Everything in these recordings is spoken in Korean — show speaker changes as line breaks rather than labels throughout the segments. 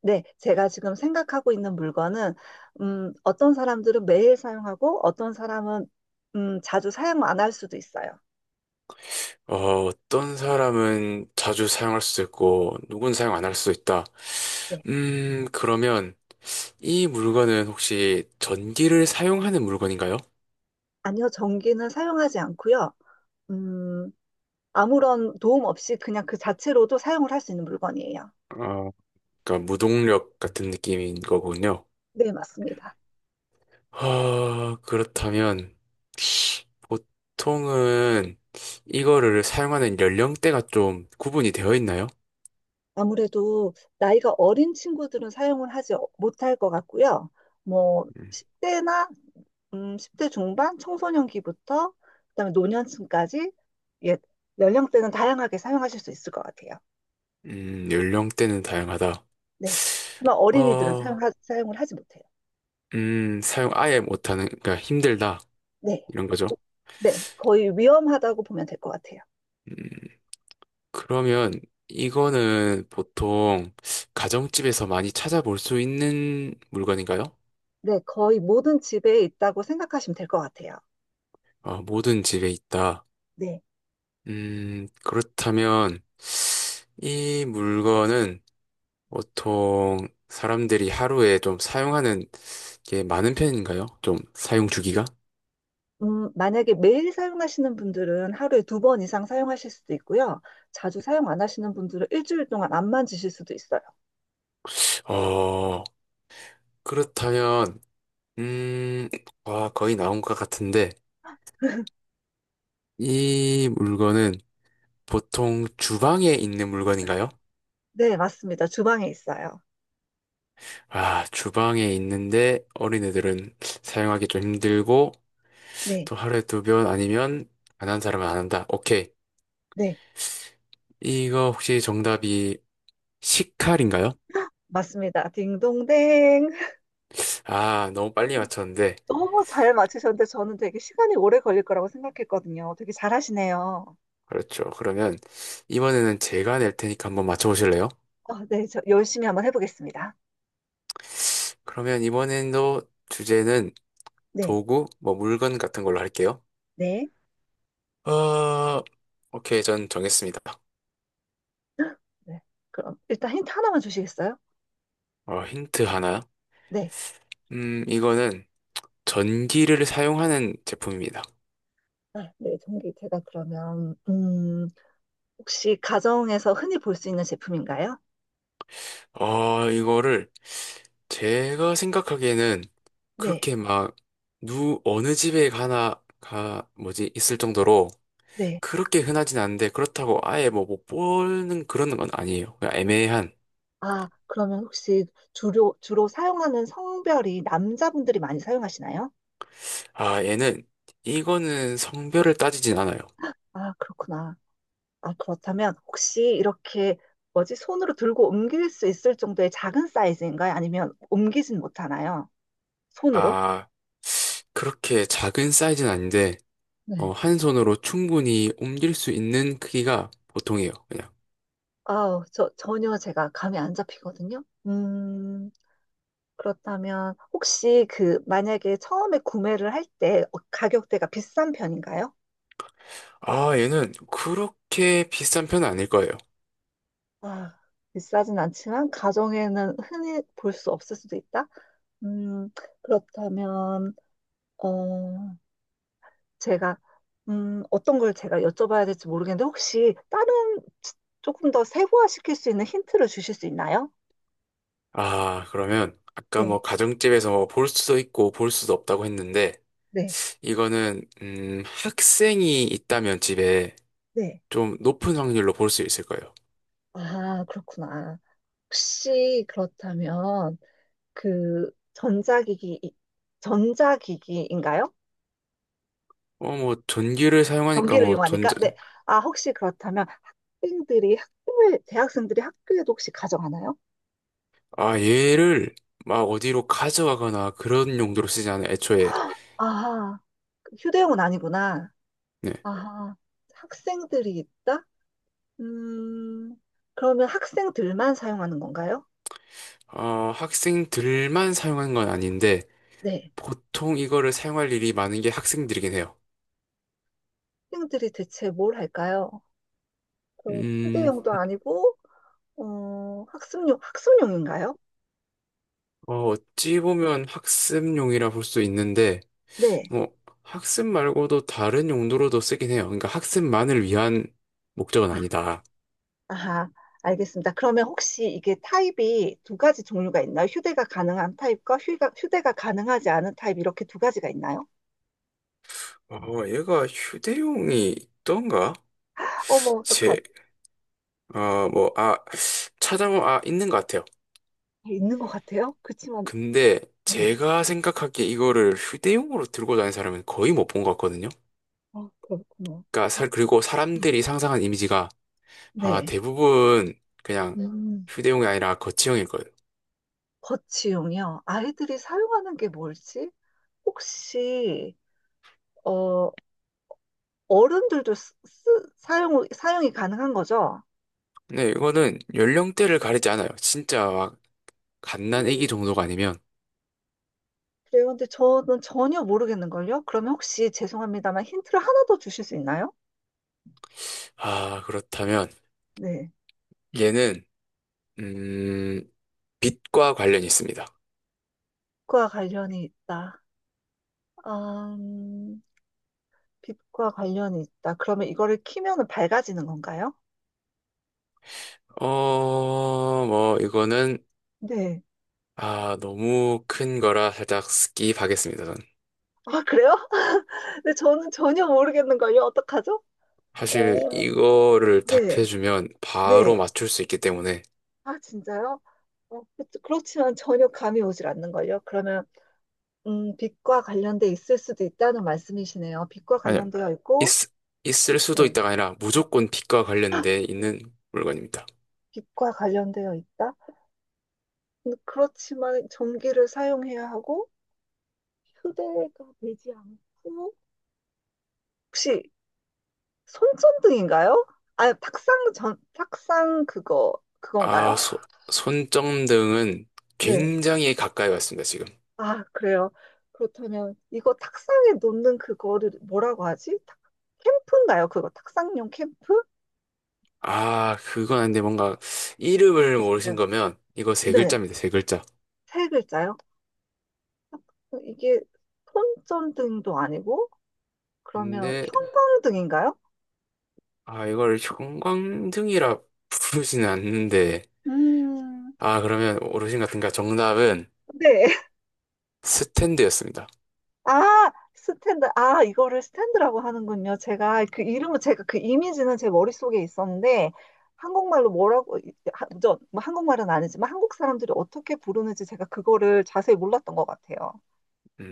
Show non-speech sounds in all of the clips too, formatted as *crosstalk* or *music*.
네, 제가 지금 생각하고 있는 물건은, 어떤 사람들은 매일 사용하고, 어떤 사람은, 자주 사용 안 할 수도 있어요.
어, 어떤 사람은 자주 사용할 수도 있고, 누군 사용 안 할 수도 있다.
네.
그러면 이 물건은 혹시 전기를 사용하는 물건인가요?
아니요, 전기는 사용하지 않고요. 음, 아무런 도움 없이 그냥 그 자체로도 사용을 할 수 있는 물건이에요.
어, 그러니까 무동력 같은 느낌인 거군요.
네, 맞습니다.
그렇다면 보통은 이거를 사용하는 연령대가 좀 구분이 되어 있나요?
아무래도 나이가 어린 친구들은 사용을 하지 못할 것 같고요. 뭐,
음,
10대나 10대 중반 청소년기부터 그다음에 노년층까지 예, 연령대는 다양하게 사용하실 수 있을 것 같아요.
연령대는 다양하다.
네. 하지만 어린이들은
어,
사용을 하지 못해요.
사용 아예 못하는, 그러니까 힘들다.
네.
이런 거죠.
네, 거의 위험하다고 보면 될 것 같아요.
음, 그러면 이거는 보통 가정집에서 많이 찾아볼 수 있는 물건인가요?
네, 거의 모든 집에 있다고 생각하시면 될 것 같아요.
아, 모든 집에 있다.
네.
그렇다면 이 물건은 보통 사람들이 하루에 좀 사용하는 게 많은 편인가요? 좀 사용 주기가?
만약에 매일 사용하시는 분들은 하루에 두 번 이상 사용하실 수도 있고요. 자주 사용 안 하시는 분들은 일주일 동안 안 만지실 수도 있어요.
어, 그렇다면, 음, 와, 거의 나온 것 같은데, 이 물건은 보통 주방에 있는 물건인가요?
네, 맞습니다. 주방에 있어요.
아, 주방에 있는데 어린애들은 사용하기 좀 힘들고
네,
또 하루에 두 번 아니면 안 한 사람은 안 한다. 오케이.
네.
이거 혹시 정답이 식칼인가요?
맞습니다. 딩동댕. *laughs*
아, 너무 빨리 맞췄는데.
너무 잘 맞추셨는데 저는 되게 시간이 오래 걸릴 거라고 생각했거든요. 되게 잘하시네요.
그렇죠. 그러면 이번에는 제가 낼 테니까 한번 맞춰보실래요?
아, 네, 저 열심히 한번 해보겠습니다.
그러면 이번에도 주제는
네,
도구, 뭐 물건 같은 걸로 할게요.
네.
어, 오케이. 전 정했습니다.
*gasps* 네. 그럼 일단 힌트 하나만 주시겠어요?
어, 힌트 하나.
네.
이거는 전기를 사용하는 제품입니다.
아, 네, 전기 제가 그러면 혹시 가정에서 흔히 볼 수 있는 제품인가요?
아, 이거를 제가 생각하기에는
네,
그렇게 막, 어느 집에 가나, 있을 정도로
네.
그렇게 흔하진 않은데 그렇다고 아예 뭐 못 보는 그런 건 아니에요. 그냥 애매한.
아, 그러면 혹시 주로 사용하는 성별이 남자분들이 많이 사용하시나요?
아, 얘는, 이거는 성별을 따지진 않아요.
아, 그렇구나. 아, 그렇다면 혹시 이렇게 뭐지? 손으로 들고 옮길 수 있을 정도의 작은 사이즈인가요? 아니면 옮기진 못하나요? 손으로?
아, 그렇게 작은 사이즈는 아닌데,
네.
한 손으로 충분히 옮길 수 있는 크기가 보통이에요. 그냥.
아우, 저 전혀 제가 감이 안 잡히거든요. 그렇다면 혹시 그 만약에 처음에 구매를 할 때 가격대가 비싼 편인가요?
아, 얘는 그렇게 비싼 편은 아닐 거예요.
아, 비싸진 않지만 가정에는 흔히 볼 수 없을 수도 있다. 음, 그렇다면 어, 제가 어떤 걸 제가 여쭤봐야 될지 모르겠는데 혹시 다른 조금 더 세부화시킬 수 있는 힌트를 주실 수 있나요?
아, 그러면 아까
네,
뭐 가정집에서 뭐 볼 수도 있고 볼 수도 없다고 했는데
네,
이거는 학생이 있다면 집에
네.
좀 높은 확률로 볼 수 있을 거예요.
아, 그렇구나. 혹시 그렇다면 그 전자기기인가요?
어, 뭐 전기를 사용하니까
전기를
뭐
이용하니까
전자.
네. 아, 혹시 그렇다면 학생들이 학교에 대학생들이 학교에도 혹시 가져가나요?
아, 얘를 막 어디로 가져가거나 그런 용도로 쓰지 않아요. 애초에
아, 휴대용은 아니구나.
네.
아, 학생들이 있다? 음, 그러면 학생들만 사용하는 건가요?
어, 학생들만 사용하는 건 아닌데
네.
보통 이거를 사용할 일이 많은 게 학생들이긴 해요.
학생들이 대체 뭘 할까요? 그
음,
휴대용도 아니고, 어, 학습용인가요?
어, 어찌 보면 학습용이라 볼 수 있는데
네.
뭐 학습 말고도 다른 용도로도 쓰긴 해요. 그러니까 학습만을 위한 목적은
아,
아니다.
아하, 알겠습니다. 그러면 혹시 이게 타입이 두 가지 종류가 있나요? 휴대가 가능한 타입과 휴대가 가능하지 않은 타입 이렇게 두 가지가 있나요?
어, 얘가 휴대용이 있던가?
어머, 어떡하지?
제, 어, 뭐, 아, 찾아보면, 아, 있는 것 같아요.
있는 것 같아요. 그렇지만,
근데
네.
제가 생각하기에 이거를 휴대용으로 들고 다니는 사람은 거의 못 본 것 같거든요.
아, 그렇구나.
그러니까,
아,
살 그리고 사람들이 상상한 이미지가, 아,
네.
대부분 그냥
음,
휴대용이 아니라 거치형일 거예요.
거치용이요. 아이들이 사용하는 게 뭘지? 혹시 어 사용이 가능한 거죠?
근데 이거는 연령대를 가리지 않아요. 진짜 막 갓난 애기 정도가 아니면.
그래요. 근데 저는 전혀 모르겠는걸요. 그러면 혹시 죄송합니다만 힌트를 하나 더 주실 수 있나요?
아, 그렇다면
네.
얘는 음, 빛과 관련이 있습니다.
빛과 관련이 있다. 음, 빛과 관련이 있다. 그러면 이거를 키면은 밝아지는 건가요?
어, 뭐 이거는
네.
아, 너무 큰 거라 살짝 스킵하겠습니다, 전.
아, 그래요? *laughs* 근데 저는 전혀 모르겠는걸요. 어떡하죠?
사실
어,
이거를
네.
답해주면
네.
바로 맞출 수 있기 때문에.
아, 진짜요? 어, 그렇지만 전혀 감이 오질 않는걸요. 그러면 빛과 관련돼 있을 수도 있다는 말씀이시네요. 빛과
아니요.
관련되어
있,
있고,
있을 수도
네.
있다가 아니라 무조건 빛과 관련돼 있는 물건입니다.
빛과 관련되어 있다. 근데 그렇지만 전기를 사용해야 하고, 휴대가 되지 않고, 혹시 손전등인가요? 아, 탁상 그거, 그건가요?
아, 소, 손전등은
네.
굉장히 가까이 왔습니다, 지금.
아, 그래요. 그렇다면, 이거 탁상에 놓는 그거를 뭐라고 하지? 캠프인가요? 그거 탁상용 캠프?
아, 그건 아닌데 뭔가 이름을
네.
모르신 거면 이거 세
네.
글자입니다, 세 글자.
세 글자요? 이게 손전등도 아니고 그러면
근데,
형광등인가요?
아, 이걸 형광등이라 부르지는 않는데,
음,
아, 그러면 어르신 같은가 정답은
네. *laughs*
스탠드였습니다.
아, 스탠드. 아, 이거를 스탠드라고 하는군요. 제가 그 이미지는 제 머릿속에 있었는데 한국말로 뭐라고 저, 뭐 한국말은 아니지만 한국 사람들이 어떻게 부르는지 제가 그거를 자세히 몰랐던 것 같아요.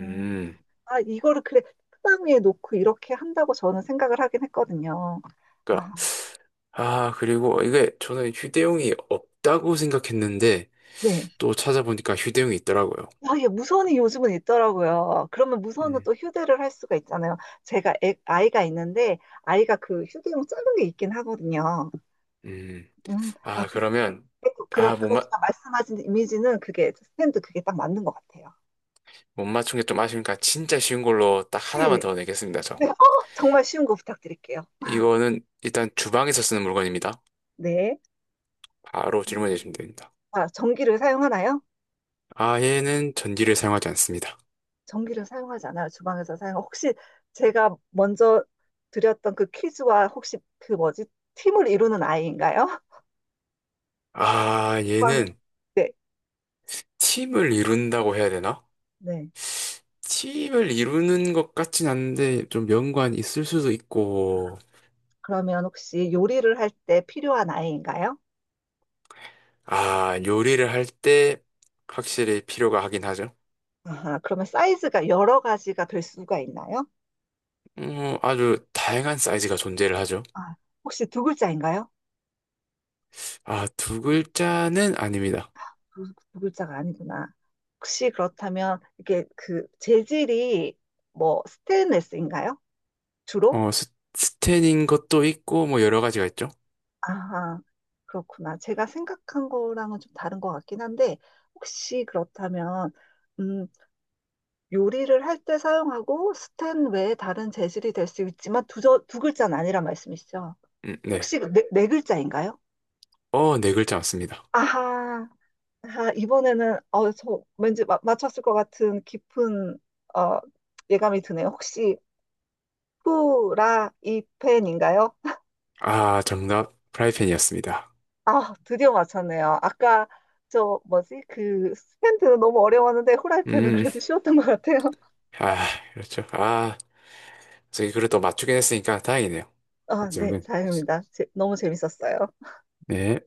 음. 아, 이거를 그래 책상 위에 놓고 이렇게 한다고 저는 생각을 하긴 했거든요.
그니까,
아,
아, 그리고 이게 저는 휴대용이 없다고 생각했는데,
네.
또 찾아보니까 휴대용이 있더라고요.
아, 예, 무선이 요즘은 있더라고요. 그러면 무선은
음.
또 휴대를 할 수가 있잖아요. 제가 아이가 있는데, 아이가 그 휴대용 작은 게 있긴 하거든요.
음.
아,
아, 그러면, 아, 못 맞,
그렇지만 말씀하신 이미지는 그게, 스탠드 그게 딱 맞는 것 같아요.
못 맞춘 게 좀 아쉬우니까 진짜 쉬운 걸로 딱
네네.
하나만
네,
더 내겠습니다, 저.
네, 어, 정말 쉬운 거 부탁드릴게요.
이거는 일단 주방에서 쓰는 물건입니다.
네.
바로 질문해
음.
주시면 됩니다.
아, 전기를 사용하나요?
아, 얘는 전기를 사용하지 않습니다.
전기를 사용하지 않아요. 주방에서 사용. 혹시 제가 먼저 드렸던 그 퀴즈와 혹시 그 뭐지? 팀을 이루는 아이인가요? *laughs*
아,
주방,
얘는
네.
팀을 이룬다고 해야 되나?
네.
팀을 이루는 것 같진 않은데 좀 연관이 있을 수도 있고,
그러면 혹시 요리를 할 때 필요한 아이인가요?
아, 요리를 할 때 확실히 필요가 하긴 하죠.
아하, 그러면 사이즈가 여러 가지가 될 수가 있나요?
아주 다양한 사이즈가 존재를 하죠.
아, 혹시 두 글자인가요?
아, 두 글자는 아닙니다.
두 글자가 아니구나. 혹시 그렇다면 이게 그 재질이 뭐 스테인레스인가요? 주로?
스텐인 것도 있고, 뭐 여러 가지가 있죠.
아하, 그렇구나. 제가 생각한 거랑은 좀 다른 것 같긴 한데 혹시 그렇다면 음, 요리를 할 때 사용하고 스텐 외에 다른 재질이 될 수 있지만 두 글자는 아니란 말씀이시죠?
네.
혹시 네, 네 글자인가요?
어, 네 글자 맞습니다.
아하, 아하, 이번에는 저 왠지 맞췄을 것 같은 깊은 어, 예감이 드네요. 혹시 후라이팬인가요?
아, 정답, 프라이팬이었습니다.
아, 드디어 맞췄네요. 아까 저 뭐지? 그 스탠드는 너무 어려웠는데 후라이팬은
음,
그래도 쉬웠던 것 같아요.
아, 그렇죠. 아. 저희 그래도 맞추긴 했으니까 다행이네요.
아, 네,
박지영은.
다행입니다. 너무 재밌었어요.
네.